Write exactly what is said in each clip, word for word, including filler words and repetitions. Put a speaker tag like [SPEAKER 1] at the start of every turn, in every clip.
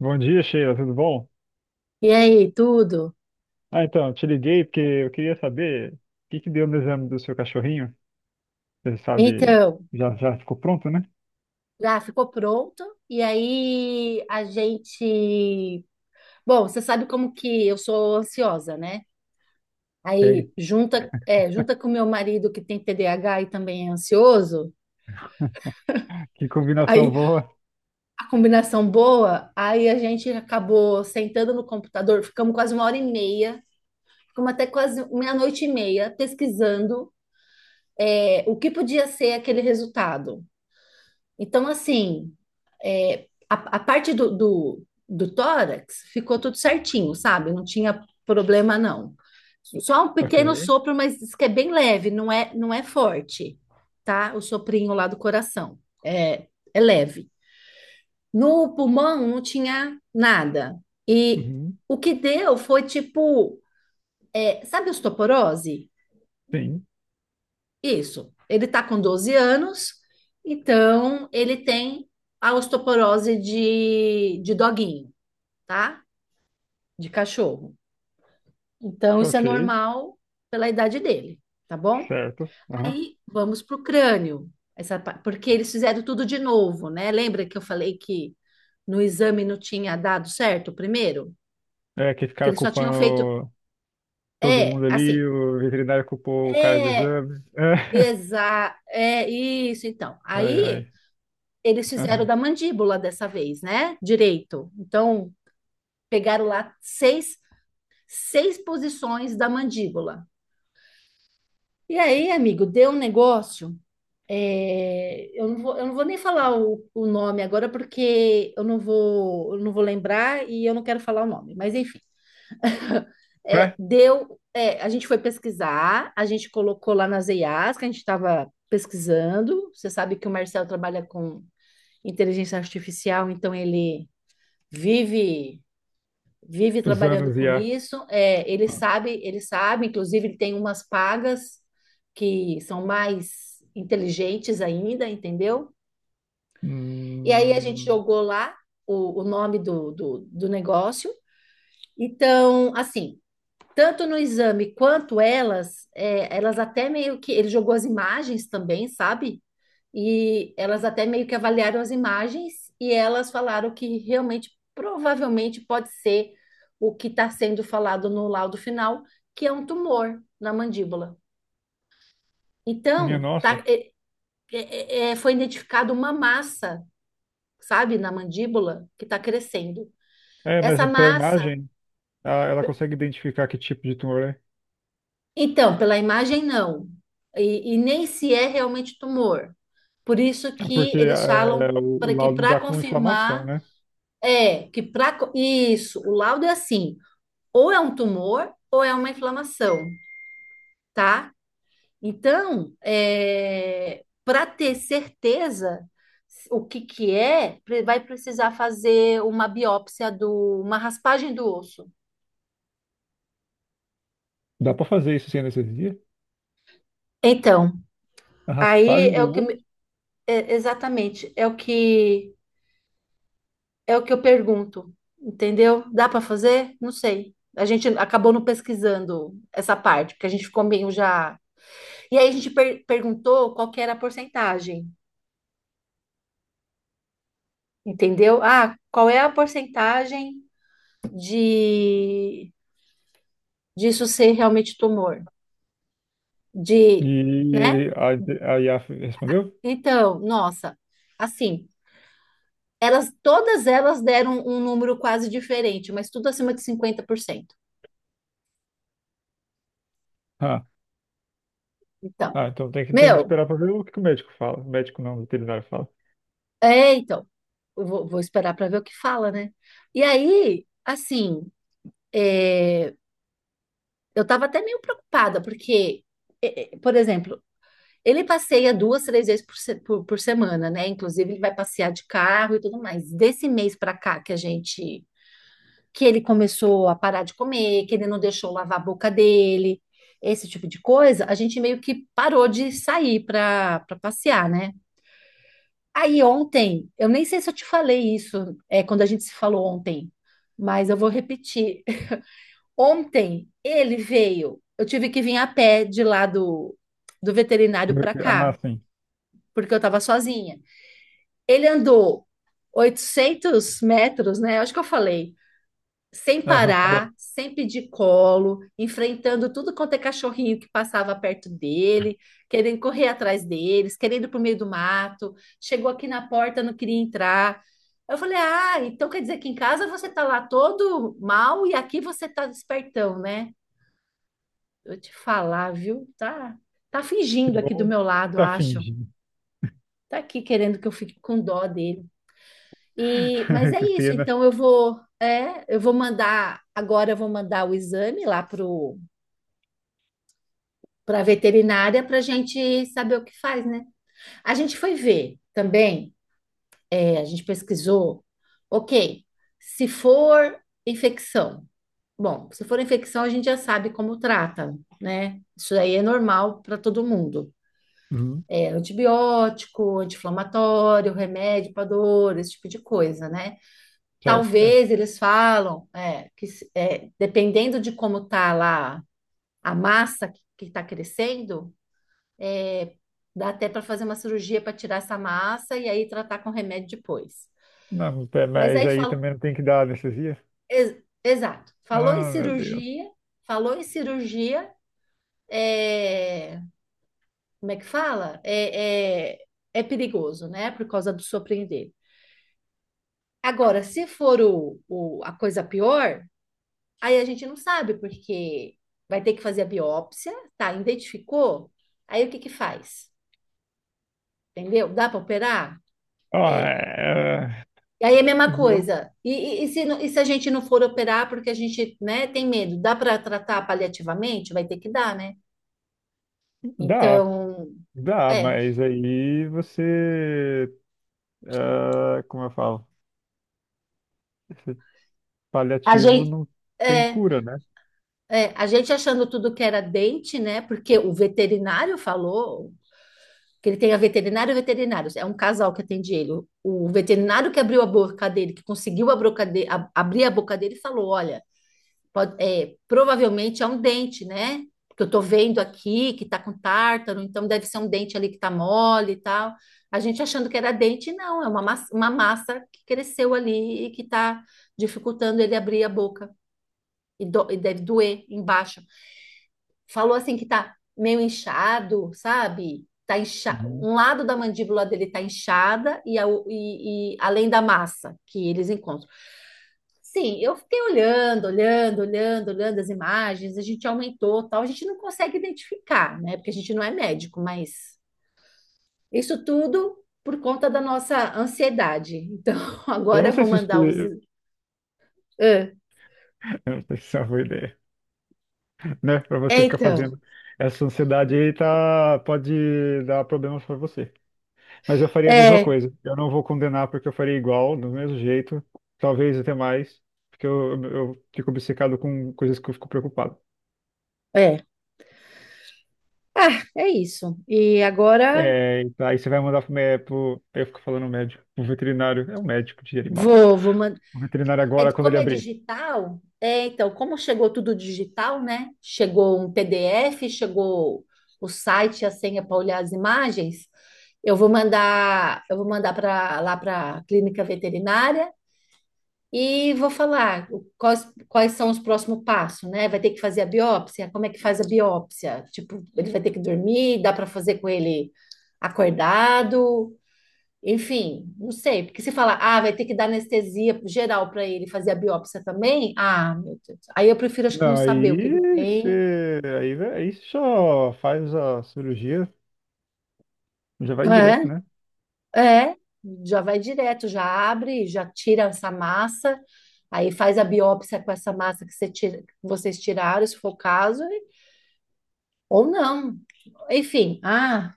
[SPEAKER 1] Bom dia, Sheila, tudo bom?
[SPEAKER 2] E aí, tudo?
[SPEAKER 1] Ah, então, eu te liguei porque eu queria saber o que que deu no exame do seu cachorrinho. Você sabe,
[SPEAKER 2] Então,
[SPEAKER 1] já, já ficou pronto, né?
[SPEAKER 2] já ficou pronto. E aí a gente. Bom, você sabe como que eu sou ansiosa, né?
[SPEAKER 1] Ok.
[SPEAKER 2] Aí junta, é, junta com meu marido que tem T D A H e também é ansioso.
[SPEAKER 1] Que combinação
[SPEAKER 2] Aí
[SPEAKER 1] boa.
[SPEAKER 2] a combinação boa. Aí a gente acabou sentando no computador, ficamos quase uma hora e meia, ficamos até quase meia-noite e meia pesquisando, é, o que podia ser aquele resultado. Então, assim. a, a parte do, do, do tórax ficou tudo certinho, sabe? Não tinha problema, não. Só um
[SPEAKER 1] Ok.
[SPEAKER 2] pequeno sopro, mas diz que é bem leve, não é, não é forte, tá? O soprinho lá do coração. É, é leve. No pulmão não tinha nada. E
[SPEAKER 1] Uhum.
[SPEAKER 2] o que deu foi tipo, é, sabe osteoporose?
[SPEAKER 1] Sim.
[SPEAKER 2] Isso. Ele tá com doze anos, então ele tem a osteoporose de, de doguinho, tá? De cachorro. Então, isso é
[SPEAKER 1] Ok.
[SPEAKER 2] normal pela idade dele, tá bom?
[SPEAKER 1] Certo. Uhum.
[SPEAKER 2] Aí vamos para o crânio, essa, pa- porque eles fizeram tudo de novo, né? Lembra que eu falei que no exame não tinha dado certo o primeiro?
[SPEAKER 1] É que
[SPEAKER 2] Que
[SPEAKER 1] ficaram
[SPEAKER 2] eles só tinham feito.
[SPEAKER 1] culpando todo
[SPEAKER 2] É,
[SPEAKER 1] mundo ali,
[SPEAKER 2] assim.
[SPEAKER 1] o veterinário culpou o cara do
[SPEAKER 2] É,
[SPEAKER 1] exame. É.
[SPEAKER 2] exa, é isso, então.
[SPEAKER 1] Ai,
[SPEAKER 2] Aí
[SPEAKER 1] ai.
[SPEAKER 2] eles fizeram
[SPEAKER 1] Uhum.
[SPEAKER 2] da mandíbula dessa vez, né? Direito. Então, pegaram lá seis, seis posições da mandíbula. E aí, amigo, deu um negócio. É, eu não vou, eu não vou nem falar o, o nome agora porque eu não vou, eu não vou lembrar e eu não quero falar o nome, mas enfim. É,
[SPEAKER 1] É,
[SPEAKER 2] deu, é, a gente foi pesquisar, a gente colocou lá nas E I As que a gente estava pesquisando. Você sabe que o Marcel trabalha com inteligência artificial, então ele vive vive
[SPEAKER 1] dos
[SPEAKER 2] trabalhando
[SPEAKER 1] anos e
[SPEAKER 2] com
[SPEAKER 1] a.
[SPEAKER 2] isso. É, ele
[SPEAKER 1] Ah.
[SPEAKER 2] sabe, ele sabe, inclusive ele tem umas pagas que são mais inteligentes ainda, entendeu? E aí a gente
[SPEAKER 1] Hum.
[SPEAKER 2] jogou lá o, o nome do, do, do negócio. Então, assim, tanto no exame quanto elas, é, elas até meio que. Ele jogou as imagens também, sabe? E elas até meio que avaliaram as imagens e elas falaram que realmente, provavelmente, pode ser o que está sendo falado no laudo final, que é um tumor na mandíbula.
[SPEAKER 1] Minha
[SPEAKER 2] Então,
[SPEAKER 1] nossa.
[SPEAKER 2] tá, é, é, é, é, foi identificado uma massa, sabe, na mandíbula que está crescendo.
[SPEAKER 1] É, mas
[SPEAKER 2] Essa
[SPEAKER 1] pela
[SPEAKER 2] massa.
[SPEAKER 1] imagem, ela, ela consegue identificar que tipo de tumor é.
[SPEAKER 2] Então, pela imagem, não. E, e nem se é realmente tumor. Por isso
[SPEAKER 1] É.
[SPEAKER 2] que
[SPEAKER 1] Porque
[SPEAKER 2] eles
[SPEAKER 1] é,
[SPEAKER 2] falam
[SPEAKER 1] o, o
[SPEAKER 2] para que
[SPEAKER 1] laudo
[SPEAKER 2] para
[SPEAKER 1] dá com
[SPEAKER 2] confirmar
[SPEAKER 1] inflamação, né?
[SPEAKER 2] é que para isso, o laudo é assim, ou é um tumor ou é uma inflamação, tá? Então, é, para ter certeza o que que é, pre- vai precisar fazer uma biópsia do, uma raspagem do osso.
[SPEAKER 1] Dá pra fazer isso sem anestesia?
[SPEAKER 2] Então,
[SPEAKER 1] A
[SPEAKER 2] aí
[SPEAKER 1] raspagem
[SPEAKER 2] é
[SPEAKER 1] do
[SPEAKER 2] o que
[SPEAKER 1] osso?
[SPEAKER 2] me- é, exatamente, é o que É o que eu pergunto, entendeu? Dá para fazer? Não sei. A gente acabou não pesquisando essa parte, porque a gente ficou meio já. E aí a gente per- perguntou qual que era a porcentagem, entendeu? Ah, qual é a porcentagem de disso ser realmente tumor? De, né?
[SPEAKER 1] E a, a I A F respondeu?
[SPEAKER 2] Então, nossa, assim, elas todas elas deram um número quase diferente, mas tudo acima de cinquenta por cento.
[SPEAKER 1] Ah.
[SPEAKER 2] Então,
[SPEAKER 1] Ah, então tem que, tem que
[SPEAKER 2] meu,
[SPEAKER 1] esperar pra ver o que que o médico fala. O médico não, o veterinário fala.
[SPEAKER 2] É, então, eu vou, vou esperar para ver o que fala, né? E aí, assim, é, eu tava até meio preocupada, porque, é, é, por exemplo, ele passeia duas, três vezes por, se- por, por semana, né? Inclusive, ele vai passear de carro e tudo mais. Desse mês para cá que a gente, que ele começou a parar de comer, que ele não deixou lavar a boca dele, esse tipo de coisa, a gente meio que parou de sair para para passear, né? Aí ontem, eu nem sei se eu te falei isso, é, quando a gente se falou ontem, mas eu vou repetir. Ontem ele veio, eu tive que vir a pé de lá do, do veterinário para
[SPEAKER 1] Ah,
[SPEAKER 2] cá,
[SPEAKER 1] sim.
[SPEAKER 2] porque eu estava sozinha. Ele andou oitocentos metros, né? Acho que eu falei sem
[SPEAKER 1] Aham, falou.
[SPEAKER 2] parar, sempre de colo, enfrentando tudo quanto é cachorrinho que passava perto dele, querendo correr atrás deles, querendo ir para o meio do mato. Chegou aqui na porta, não queria entrar. Eu falei: Ah, então quer dizer que em casa você tá lá todo mal e aqui você tá despertão, né? Eu te falar, viu? Tá, tá
[SPEAKER 1] Que
[SPEAKER 2] fingindo aqui do
[SPEAKER 1] bom.
[SPEAKER 2] meu lado,
[SPEAKER 1] Tá
[SPEAKER 2] acho.
[SPEAKER 1] fingindo.
[SPEAKER 2] Tá aqui querendo que eu fique com dó dele. E, mas é
[SPEAKER 1] Que
[SPEAKER 2] isso,
[SPEAKER 1] pena.
[SPEAKER 2] então eu vou, é, eu vou mandar, agora eu vou mandar o exame lá pro para a veterinária para a gente saber o que faz, né? A gente foi ver também, é, a gente pesquisou, ok, se for infecção, bom, se for infecção a gente já sabe como trata, né? Isso aí é normal para todo mundo.
[SPEAKER 1] Uhum.
[SPEAKER 2] É antibiótico, anti-inflamatório, remédio para dor, esse tipo de coisa, né?
[SPEAKER 1] Certo, é.
[SPEAKER 2] Talvez eles falam é, que se- é, dependendo de como tá lá a massa que está crescendo, é, dá até para fazer uma cirurgia para tirar essa massa e aí tratar com remédio depois.
[SPEAKER 1] Não, é,
[SPEAKER 2] Mas
[SPEAKER 1] mas
[SPEAKER 2] aí
[SPEAKER 1] aí
[SPEAKER 2] falo,
[SPEAKER 1] também não tem que dar anestesia?
[SPEAKER 2] ex- exato, falou em
[SPEAKER 1] Ah, meu Deus.
[SPEAKER 2] cirurgia, falou em cirurgia, é, como é que fala? É, é, é perigoso, né? Por causa do surpreender. Agora, se for o, o- a coisa pior. Aí a gente não sabe, porque vai ter que fazer a biópsia, tá? Identificou? Aí o que que faz? Entendeu? Dá para operar?
[SPEAKER 1] Ah,
[SPEAKER 2] É.
[SPEAKER 1] é,
[SPEAKER 2] E aí é a mesma
[SPEAKER 1] é, viu?
[SPEAKER 2] coisa. E, e- e se, não- e se a gente não for operar porque a gente, né, tem medo, dá para tratar paliativamente? Vai ter que dar, né?
[SPEAKER 1] Dá.
[SPEAKER 2] Então,
[SPEAKER 1] Dá,
[SPEAKER 2] é.
[SPEAKER 1] mas aí você, ah, como eu falo, esse
[SPEAKER 2] A
[SPEAKER 1] paliativo
[SPEAKER 2] gente,
[SPEAKER 1] não tem
[SPEAKER 2] é,
[SPEAKER 1] cura, né?
[SPEAKER 2] é, a gente achando tudo que era dente, né? Porque o veterinário falou, que ele tenha veterinário e veterinários. É um casal que atende ele. O, o veterinário que abriu a boca dele, que conseguiu a boca de- a- abrir a boca dele, falou: Olha, pode- é, provavelmente é um dente, né? Porque eu tô vendo aqui que tá com tártaro, então deve ser um dente ali que tá mole e tal. A gente achando que era dente, não, é uma massa, uma massa que cresceu ali e que tá dificultando ele abrir a boca. E, do- e deve doer embaixo. Falou assim que tá meio inchado, sabe? Tá incha...
[SPEAKER 1] Uhum.
[SPEAKER 2] Um lado da mandíbula dele tá inchada e, a, e, e além da massa que eles encontram. Sim, eu fiquei olhando, olhando, olhando, olhando as imagens, a gente aumentou, tal, a gente não consegue identificar, né? Porque a gente não é médico, mas isso tudo por conta da nossa ansiedade. Então,
[SPEAKER 1] Eu
[SPEAKER 2] agora
[SPEAKER 1] não
[SPEAKER 2] eu
[SPEAKER 1] sei
[SPEAKER 2] vou
[SPEAKER 1] se isso,
[SPEAKER 2] mandar os.
[SPEAKER 1] eu
[SPEAKER 2] Ah,
[SPEAKER 1] não sei se isso é uma boa ideia, né? Para você
[SPEAKER 2] É,
[SPEAKER 1] ficar
[SPEAKER 2] então,
[SPEAKER 1] fazendo essa ansiedade aí, tá, pode dar problemas para você. Mas eu faria a mesma
[SPEAKER 2] é,
[SPEAKER 1] coisa. Eu não vou condenar porque eu faria igual, do mesmo jeito, talvez até mais, porque eu, eu fico obcecado com coisas que eu fico preocupado.
[SPEAKER 2] é. Ah, é isso. E agora
[SPEAKER 1] É, então aí você vai mandar pro, mé- pro, eu fico falando médico, pro veterinário, é um médico de animal.
[SPEAKER 2] vou, vou, man-
[SPEAKER 1] O veterinário
[SPEAKER 2] É,
[SPEAKER 1] agora, quando ele
[SPEAKER 2] como é
[SPEAKER 1] abrir.
[SPEAKER 2] digital, é, então, como chegou tudo digital, né? Chegou um P D F, chegou o site, a senha para olhar as imagens. Eu vou mandar, eu vou mandar para lá para a clínica veterinária e vou falar o- quais, quais são os próximos passos, né? Vai ter que fazer a biópsia? Como é que faz a biópsia? Tipo, ele vai ter que dormir, dá para fazer com ele acordado? Enfim, não sei, porque se falar, ah, vai ter que dar anestesia geral para ele fazer a biópsia também, ah, meu Deus. Aí eu prefiro, acho que não
[SPEAKER 1] Não,
[SPEAKER 2] saber o que ele
[SPEAKER 1] aí
[SPEAKER 2] tem.
[SPEAKER 1] você. Aí, vai aí você só faz a cirurgia, já vai direto, né?
[SPEAKER 2] É, é, já vai direto, já abre, já tira essa massa, aí faz a biópsia com essa massa que você tira- que vocês tiraram, se for o caso, e- ou não. Enfim, ah,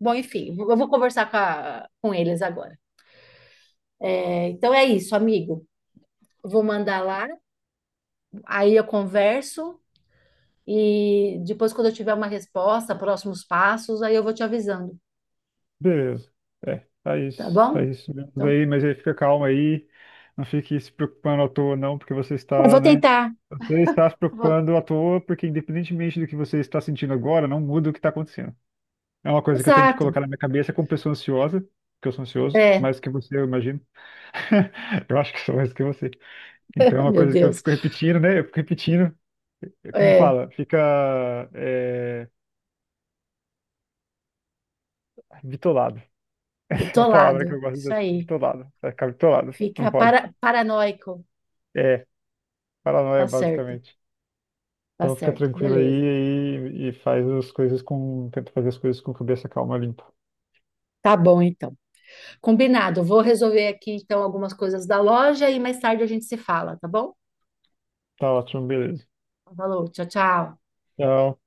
[SPEAKER 2] bom, enfim, eu vou conversar com, a- com eles agora. É, então é isso, amigo. Vou mandar lá, aí eu converso. E depois, quando eu tiver uma resposta, próximos passos, aí eu vou te avisando,
[SPEAKER 1] Beleza. É,
[SPEAKER 2] tá
[SPEAKER 1] faz,
[SPEAKER 2] bom?
[SPEAKER 1] faz isso mesmo
[SPEAKER 2] Então,
[SPEAKER 1] daí, mas aí fica calmo aí. Não fique se preocupando à toa, não, porque você
[SPEAKER 2] eu
[SPEAKER 1] está,
[SPEAKER 2] vou
[SPEAKER 1] né?
[SPEAKER 2] tentar.
[SPEAKER 1] Você está se
[SPEAKER 2] vou...
[SPEAKER 1] preocupando à toa, porque independentemente do que você está sentindo agora, não muda o que está acontecendo. É uma coisa que eu tenho que
[SPEAKER 2] exato.
[SPEAKER 1] colocar na minha cabeça como pessoa ansiosa, que eu sou ansioso,
[SPEAKER 2] É,
[SPEAKER 1] mais que você, eu imagino. Eu acho que sou mais que você. Então é uma
[SPEAKER 2] meu
[SPEAKER 1] coisa que eu
[SPEAKER 2] Deus.
[SPEAKER 1] fico repetindo, né? Eu fico repetindo, é como
[SPEAKER 2] É,
[SPEAKER 1] fala, fica é, bitolado. É a palavra que
[SPEAKER 2] bitolado.
[SPEAKER 1] eu gosto de
[SPEAKER 2] Isso
[SPEAKER 1] usar,
[SPEAKER 2] aí.
[SPEAKER 1] bitolado. Vai ficar bitolado, não
[SPEAKER 2] Fica
[SPEAKER 1] pode.
[SPEAKER 2] para... paranoico.
[SPEAKER 1] É, paranoia,
[SPEAKER 2] Tá certo,
[SPEAKER 1] basicamente.
[SPEAKER 2] tá
[SPEAKER 1] Então fica
[SPEAKER 2] certo.
[SPEAKER 1] tranquilo aí
[SPEAKER 2] Beleza.
[SPEAKER 1] e, e faz as coisas com. Tenta fazer as coisas com cabeça calma, limpa.
[SPEAKER 2] Tá bom, então. Combinado. Vou resolver aqui, então, algumas coisas da loja e mais tarde a gente se fala, tá bom?
[SPEAKER 1] Tá ótimo, beleza.
[SPEAKER 2] Falou, tchau, tchau.
[SPEAKER 1] Tchau.